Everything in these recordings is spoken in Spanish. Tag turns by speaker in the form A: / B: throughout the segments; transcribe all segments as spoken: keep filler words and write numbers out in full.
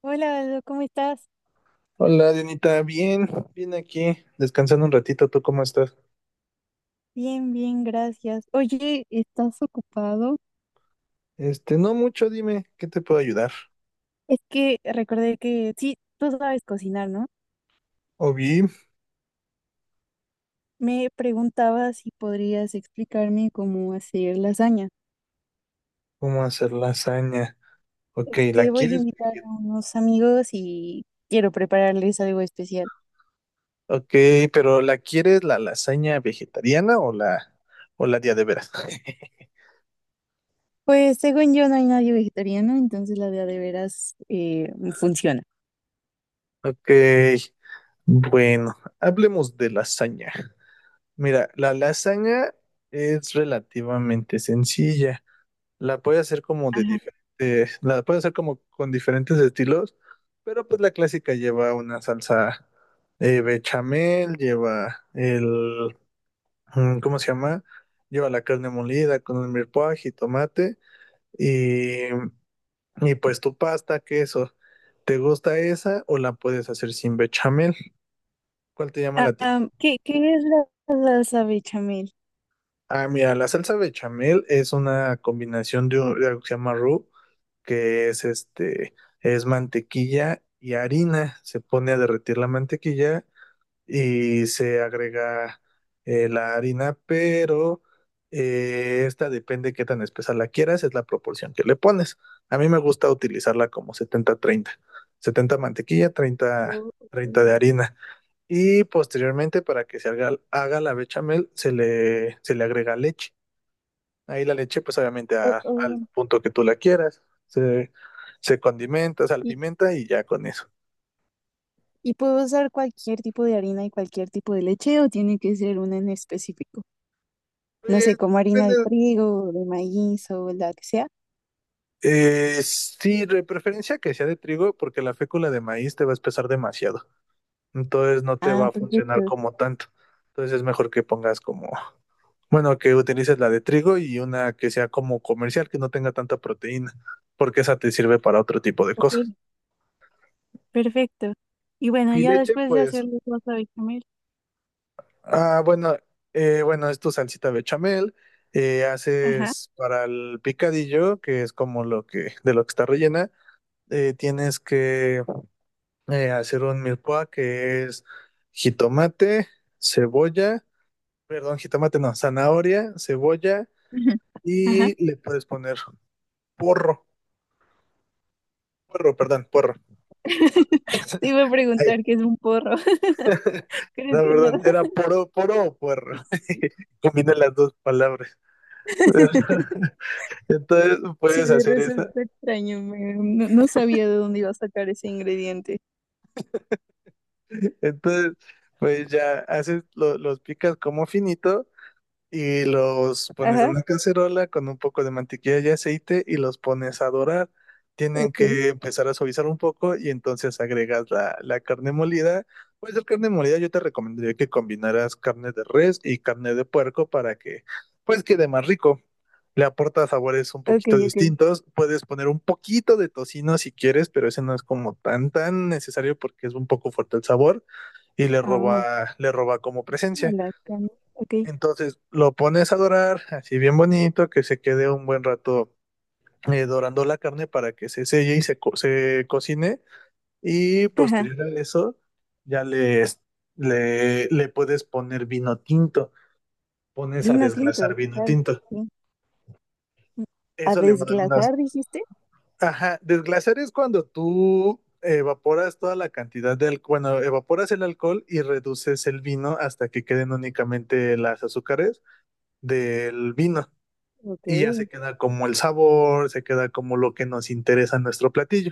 A: Hola, Aldo, ¿cómo estás?
B: Hola, Dianita, bien, bien aquí, descansando un ratito, ¿tú cómo estás?
A: Bien, bien, gracias. Oye, ¿estás ocupado?
B: Este, no mucho, dime, ¿qué te puedo ayudar?
A: Es que recordé que sí, tú sabes cocinar, ¿no?
B: O bien,
A: Me preguntaba si podrías explicarme cómo hacer lasaña.
B: ¿cómo hacer lasaña? Ok,
A: Es
B: ¿la
A: que voy a
B: quieres
A: invitar
B: veget-
A: a unos amigos y quiero prepararles algo especial.
B: Ok, pero ¿la quieres la lasaña vegetariana o la, o la día de veras?
A: Pues según yo no hay nadie vegetariano, entonces la de a de veras eh, funciona.
B: Ok, bueno, hablemos de lasaña. Mira, la lasaña es relativamente sencilla. La puede hacer como de
A: Ajá.
B: diferente, La puede hacer como con diferentes estilos, pero pues la clásica lleva una salsa, eh, bechamel, lleva el, mm, ¿cómo se llama? Lleva la carne molida con el mirepoix y tomate y, y pues tu pasta, queso. ¿Te gusta esa o la puedes hacer sin bechamel? ¿Cuál te llama la
A: Ah,
B: atención?
A: am, ¿qué, qué es la la salsa bechamel?
B: Ah, mira, la salsa bechamel es una combinación de, un- de algo que se llama roux, que es este, es mantequilla y harina. Se pone a derretir la mantequilla y se agrega eh, la harina, pero eh, esta depende qué tan espesa la quieras, es la proporción que le pones. A mí me gusta utilizarla como setenta treinta, setenta mantequilla, treinta
A: Oh,
B: treinta
A: ok.
B: de harina. Y posteriormente, para que se haga, haga la bechamel, se le, se le agrega leche. Ahí la leche, pues obviamente
A: Oh,
B: a- al
A: oh.
B: punto que tú la quieras. Se, se condimenta, se pimienta y ya con eso.
A: ¿Y puedo usar cualquier tipo de harina y cualquier tipo de leche o tiene que ser una en específico? No sé,
B: Pues,
A: como harina de
B: depende.
A: trigo, o de maíz o la que sea.
B: Eh, sí, de preferencia que sea de trigo, porque la fécula de maíz te va a espesar demasiado. Entonces no te
A: Ah,
B: va a funcionar
A: perfecto.
B: como tanto. Entonces es mejor que pongas como, bueno, que utilices la de trigo y una que sea como comercial, que no tenga tanta proteína, porque esa te sirve para otro tipo de
A: Ok,
B: cosas.
A: perfecto. Y bueno,
B: Y
A: ya
B: leche,
A: después de
B: pues.
A: hacer los wasabi comer.
B: Ah, bueno, eh, bueno, es tu salsita bechamel, eh,
A: Ajá.
B: haces para el picadillo, que es como lo que, de lo que está rellena, eh, tienes que eh, hacer un milpoa que es jitomate, cebolla, perdón, jitomate no, zanahoria, cebolla,
A: Ujú. Ajá.
B: y le puedes poner porro, porro, perdón, porro.
A: Te iba a
B: Ahí.
A: preguntar qué es un porro.
B: No,
A: Creo que no.
B: perdón, era poro, poro, o puerro. Combina las dos palabras. Entonces
A: Sí,
B: puedes
A: me
B: hacer eso.
A: resulta extraño. Me- no, no sabía de dónde iba a sacar ese ingrediente.
B: Entonces, pues ya haces, lo- los picas como finito y los pones en
A: Ajá.
B: una cacerola con un poco de mantequilla y aceite y los pones a dorar. Tienen
A: Ok,
B: que empezar a suavizar un poco y entonces agregas la, la carne molida. Pues la carne molida yo te recomendaría que combinaras carne de res y carne de puerco para que pues quede más rico. Le aporta sabores un
A: ok,
B: poquito
A: ok.
B: distintos. Puedes poner un poquito de tocino si quieres, pero ese no es como tan tan necesario porque es un poco fuerte el sabor y le
A: Ah,
B: roba, le roba como
A: a
B: presencia.
A: la cana. Ok.
B: Entonces lo pones a dorar, así bien bonito, que se quede un buen rato eh, dorando la carne para que se selle y se, co- se cocine. Y posterior a eso, ya les, le, le puedes poner vino tinto. Pones a
A: Vino
B: desglasar
A: tinto,
B: vino
A: claro,
B: tinto.
A: sí. A
B: Eso le va a dar unas.
A: desglasar, dijiste.
B: Ajá, desglasar es cuando tú evaporas toda la cantidad de alcohol, bueno, evaporas el alcohol y reduces el vino hasta que queden únicamente las azúcares del vino
A: Ok.
B: y ya se queda como el sabor, se queda como lo que nos interesa en nuestro platillo,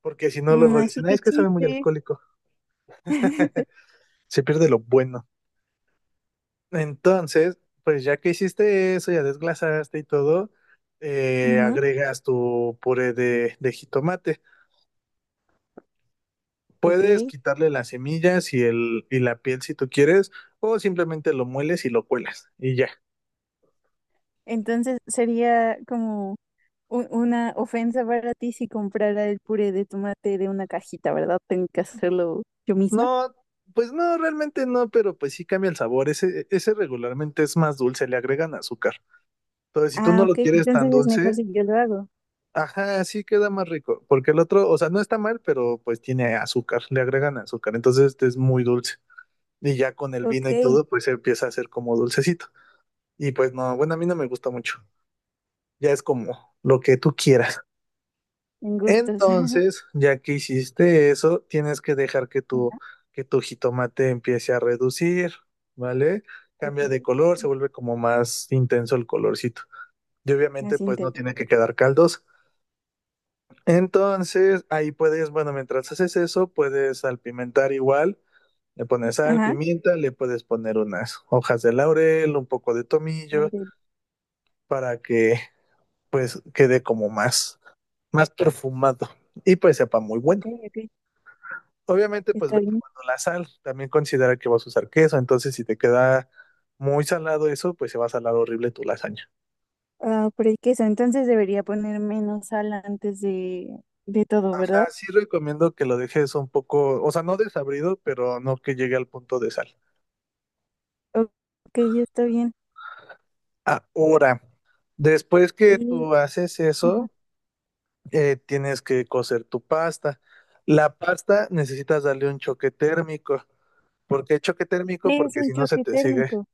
B: porque si no
A: Mm,
B: luego
A: así
B: dicen, "Ah,
A: que
B: es que sabe muy
A: chiste.
B: alcohólico," se pierde lo bueno. Entonces, pues ya que hiciste eso, ya desglasaste y todo, eh,
A: Ujú,
B: agregas tu puré de, de jitomate.
A: ok.
B: Puedes quitarle las semillas y, el, y la piel si tú quieres, o simplemente lo mueles y lo cuelas y ya.
A: Entonces sería como u- una ofensa para ti si comprara el puré de tomate de una cajita, ¿verdad? Tengo que hacerlo yo misma.
B: No, pues no, realmente no, pero pues sí cambia el sabor. Ese, ese regularmente es más dulce, le agregan azúcar. Entonces, si tú
A: Ah,
B: no lo
A: ok.
B: quieres tan
A: Entonces es mejor
B: dulce,
A: si yo lo hago.
B: ajá, sí queda más rico. Porque el otro, o sea, no está mal, pero pues tiene azúcar, le agregan azúcar. Entonces, este es muy dulce. Y ya con el vino y
A: Ok.
B: todo, pues empieza a ser como dulcecito. Y pues no, bueno, a mí no me gusta mucho. Ya es como lo que tú quieras.
A: En gustos.
B: Entonces, ya que hiciste eso, tienes que dejar que tu,
A: Ajá,
B: que tu jitomate empiece a reducir, ¿vale?
A: ok.
B: Cambia de color, se
A: Sí,
B: vuelve como más intenso el colorcito. Y obviamente,
A: así
B: pues no
A: intento.
B: tiene que quedar caldoso. Entonces, ahí puedes, bueno, mientras haces eso, puedes salpimentar igual. Le pones sal,
A: Ajá.
B: pimienta, le puedes poner unas hojas de laurel, un poco de tomillo,
A: Gabriel.
B: para que pues quede como más, más perfumado y pues sepa muy
A: Ok,
B: bueno.
A: ok.
B: Obviamente, pues
A: Está
B: ve
A: bien.
B: probando la sal. También considera que vas a usar queso. Entonces, si te queda muy salado eso, pues se va a salar horrible tu lasaña.
A: Ah, pero es que eso, entonces debería poner menos sal antes de, de todo, ¿verdad?
B: Ajá, sí recomiendo que lo dejes un poco, o sea, no desabrido, pero no que llegue al punto de sal.
A: O- Ok, ya está bien.
B: Ahora, después que
A: Y,
B: tú haces
A: ajá,
B: eso, eh, tienes que cocer tu pasta. La pasta necesitas darle un choque térmico. ¿Por qué choque térmico?
A: ¿qué es
B: Porque
A: un
B: si no se
A: choque
B: te sigue.
A: térmico?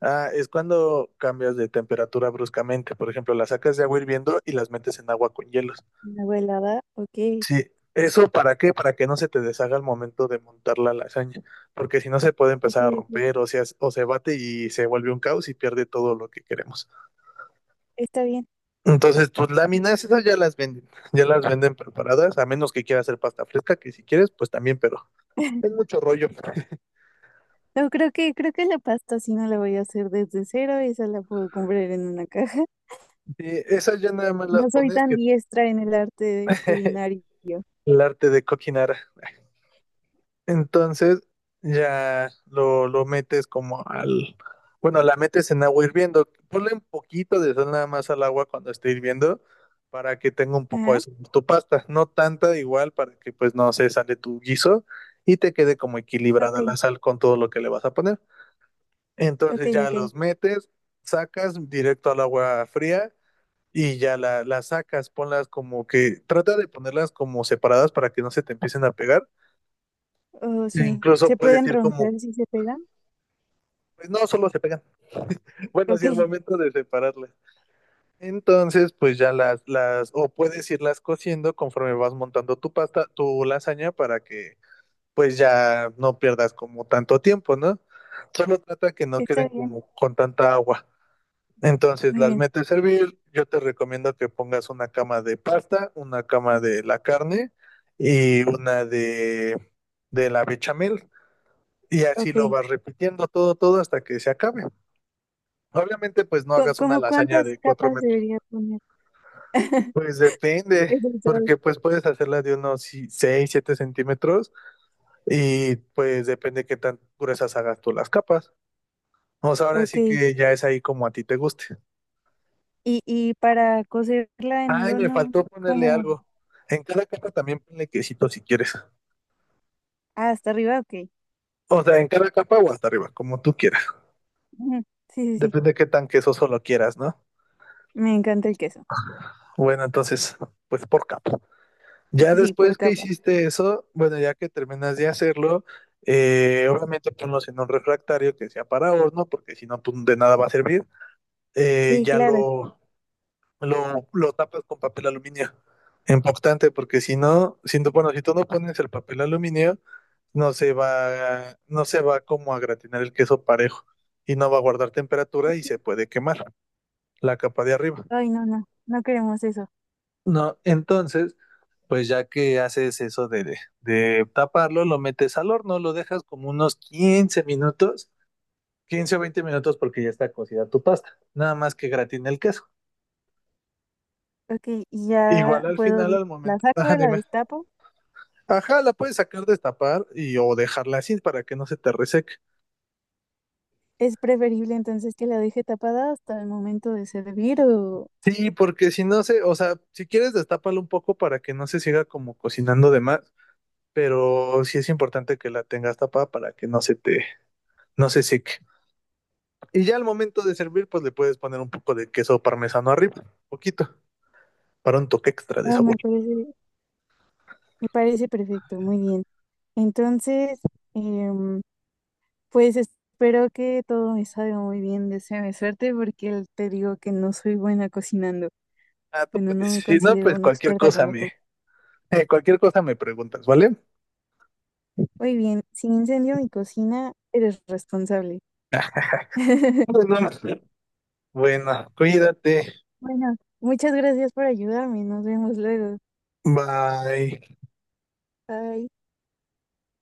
B: Ah, es cuando cambias de temperatura bruscamente. Por ejemplo, las sacas de agua hirviendo y las metes en agua con hielos.
A: Una helada, ok,
B: Sí. ¿Eso para qué? Para que no se te deshaga al momento de montar la lasaña. Porque si no se puede
A: ok,
B: empezar a
A: ok,
B: romper, o sea, o se bate y se vuelve un caos y pierde todo lo que queremos.
A: está bien.
B: Entonces, tus láminas, esas ya las venden. Ya las venden preparadas, a menos que quieras hacer pasta fresca, que si quieres, pues también, pero es mucho rollo.
A: No, creo que, creo que la pasta sí no la voy a hacer desde cero, esa la puedo comprar en una caja.
B: Sí, esas ya nada más las
A: No soy
B: pones
A: tan
B: que
A: diestra en el arte culinario.
B: el arte de cocinar. Entonces ya lo, lo metes como al. Bueno, la metes en agua hirviendo. Ponle un poquito de sal nada más al agua cuando esté hirviendo para que tenga un poco de
A: Ajá,
B: sabor tu pasta. No tanta igual para que pues no se sale tu guiso y te quede como
A: ok,
B: equilibrada la sal con todo lo que le vas a poner.
A: ok,
B: Entonces ya
A: ok.
B: los metes, sacas directo al agua fría y ya la, las sacas. Ponlas como que. Trata de ponerlas como separadas para que no se te empiecen a pegar.
A: Oh,
B: E
A: sí.
B: incluso
A: ¿Se
B: puedes
A: pueden
B: ir como.
A: romper si se pegan?
B: Pues no, solo se pegan. Bueno,
A: Ok,
B: sí, al momento de separarlas. Entonces, pues ya las, las, o puedes irlas cociendo conforme vas montando tu pasta, tu lasaña para que pues ya no pierdas como tanto tiempo, ¿no? Solo trata que no
A: está
B: queden
A: bien,
B: como con tanta agua. Entonces
A: muy
B: las
A: bien,
B: metes a hervir. Yo te recomiendo que pongas una cama de pasta, una cama de la carne y una de, de la bechamel. Y así
A: ok.
B: lo vas repitiendo todo, todo hasta que se acabe. Obviamente, pues no
A: Cu-
B: hagas una
A: ¿Cómo
B: lasaña
A: cuántas
B: de cuatro
A: capas
B: metros.
A: debería poner?
B: Pues depende,
A: Eso es todo.
B: porque pues puedes hacerla de unos si- seis, siete centímetros y pues depende qué tan gruesas hagas tú las capas. O sea, ahora
A: Ok.
B: sí que ya es ahí como a ti te guste.
A: Y, y para cocerla en el
B: Ay, me
A: horno,
B: faltó ponerle
A: como
B: algo. En cada capa también ponle quesito si quieres.
A: ah, hasta arriba, ok.
B: O sea, en cada capa o hasta arriba, como tú quieras.
A: Ujú. Sí, sí, sí.
B: Depende de qué tan queso solo quieras, ¿no?
A: Me encanta el queso.
B: Bueno, entonces, pues por capa. Ya
A: Sí, por
B: después que
A: capa.
B: hiciste eso, bueno, ya que terminas de hacerlo, eh, obviamente ponlos en un refractario que sea para horno, porque si no, pues de nada va a servir. Eh,
A: Sí,
B: ya
A: claro.
B: lo, lo, lo tapas con papel aluminio importante, porque si no, si no, bueno, si tú no pones el papel aluminio, no se va, no se va como a gratinar el queso parejo y no va a guardar temperatura y
A: Ok.
B: se puede quemar la capa de arriba.
A: Ay, no, no. No queremos eso.
B: No, entonces, pues ya que haces eso de, de taparlo, lo metes al horno, lo dejas como unos quince minutos, quince o veinte minutos porque ya está cocida tu pasta, nada más que gratine el queso.
A: Ok, y ya
B: Igual al final,
A: puedo,
B: al
A: la
B: momento,
A: saco,
B: ah,
A: la
B: dime,
A: destapo.
B: ajá, la puedes sacar, destapar y o dejarla así para que no se te reseque.
A: Es preferible entonces que la deje tapada hasta el momento de servir o...
B: Sí, porque si no se, o sea, si quieres destápalo un poco para que no se siga como cocinando de más, pero sí es importante que la tengas tapada para que no se te, no se seque. Y ya al momento de servir, pues le puedes poner un poco de queso parmesano arriba, poquito, para un toque extra de
A: No,
B: sabor.
A: me parece, me parece perfecto, muy bien. Entonces, em, pues espero que todo me salga muy bien, deséame suerte porque el- te digo que no soy buena cocinando.
B: Ah, tú
A: Bueno, no
B: puedes.
A: me
B: Si no,
A: considero
B: pues
A: una
B: cualquier
A: experta
B: cosa
A: como tú.
B: me, eh, cualquier cosa me preguntas, ¿vale?
A: Muy bien, si incendio mi cocina, eres responsable.
B: Bueno, bueno, cuídate.
A: Bueno, muchas gracias por ayudarme. Nos vemos luego.
B: Bye.
A: Bye.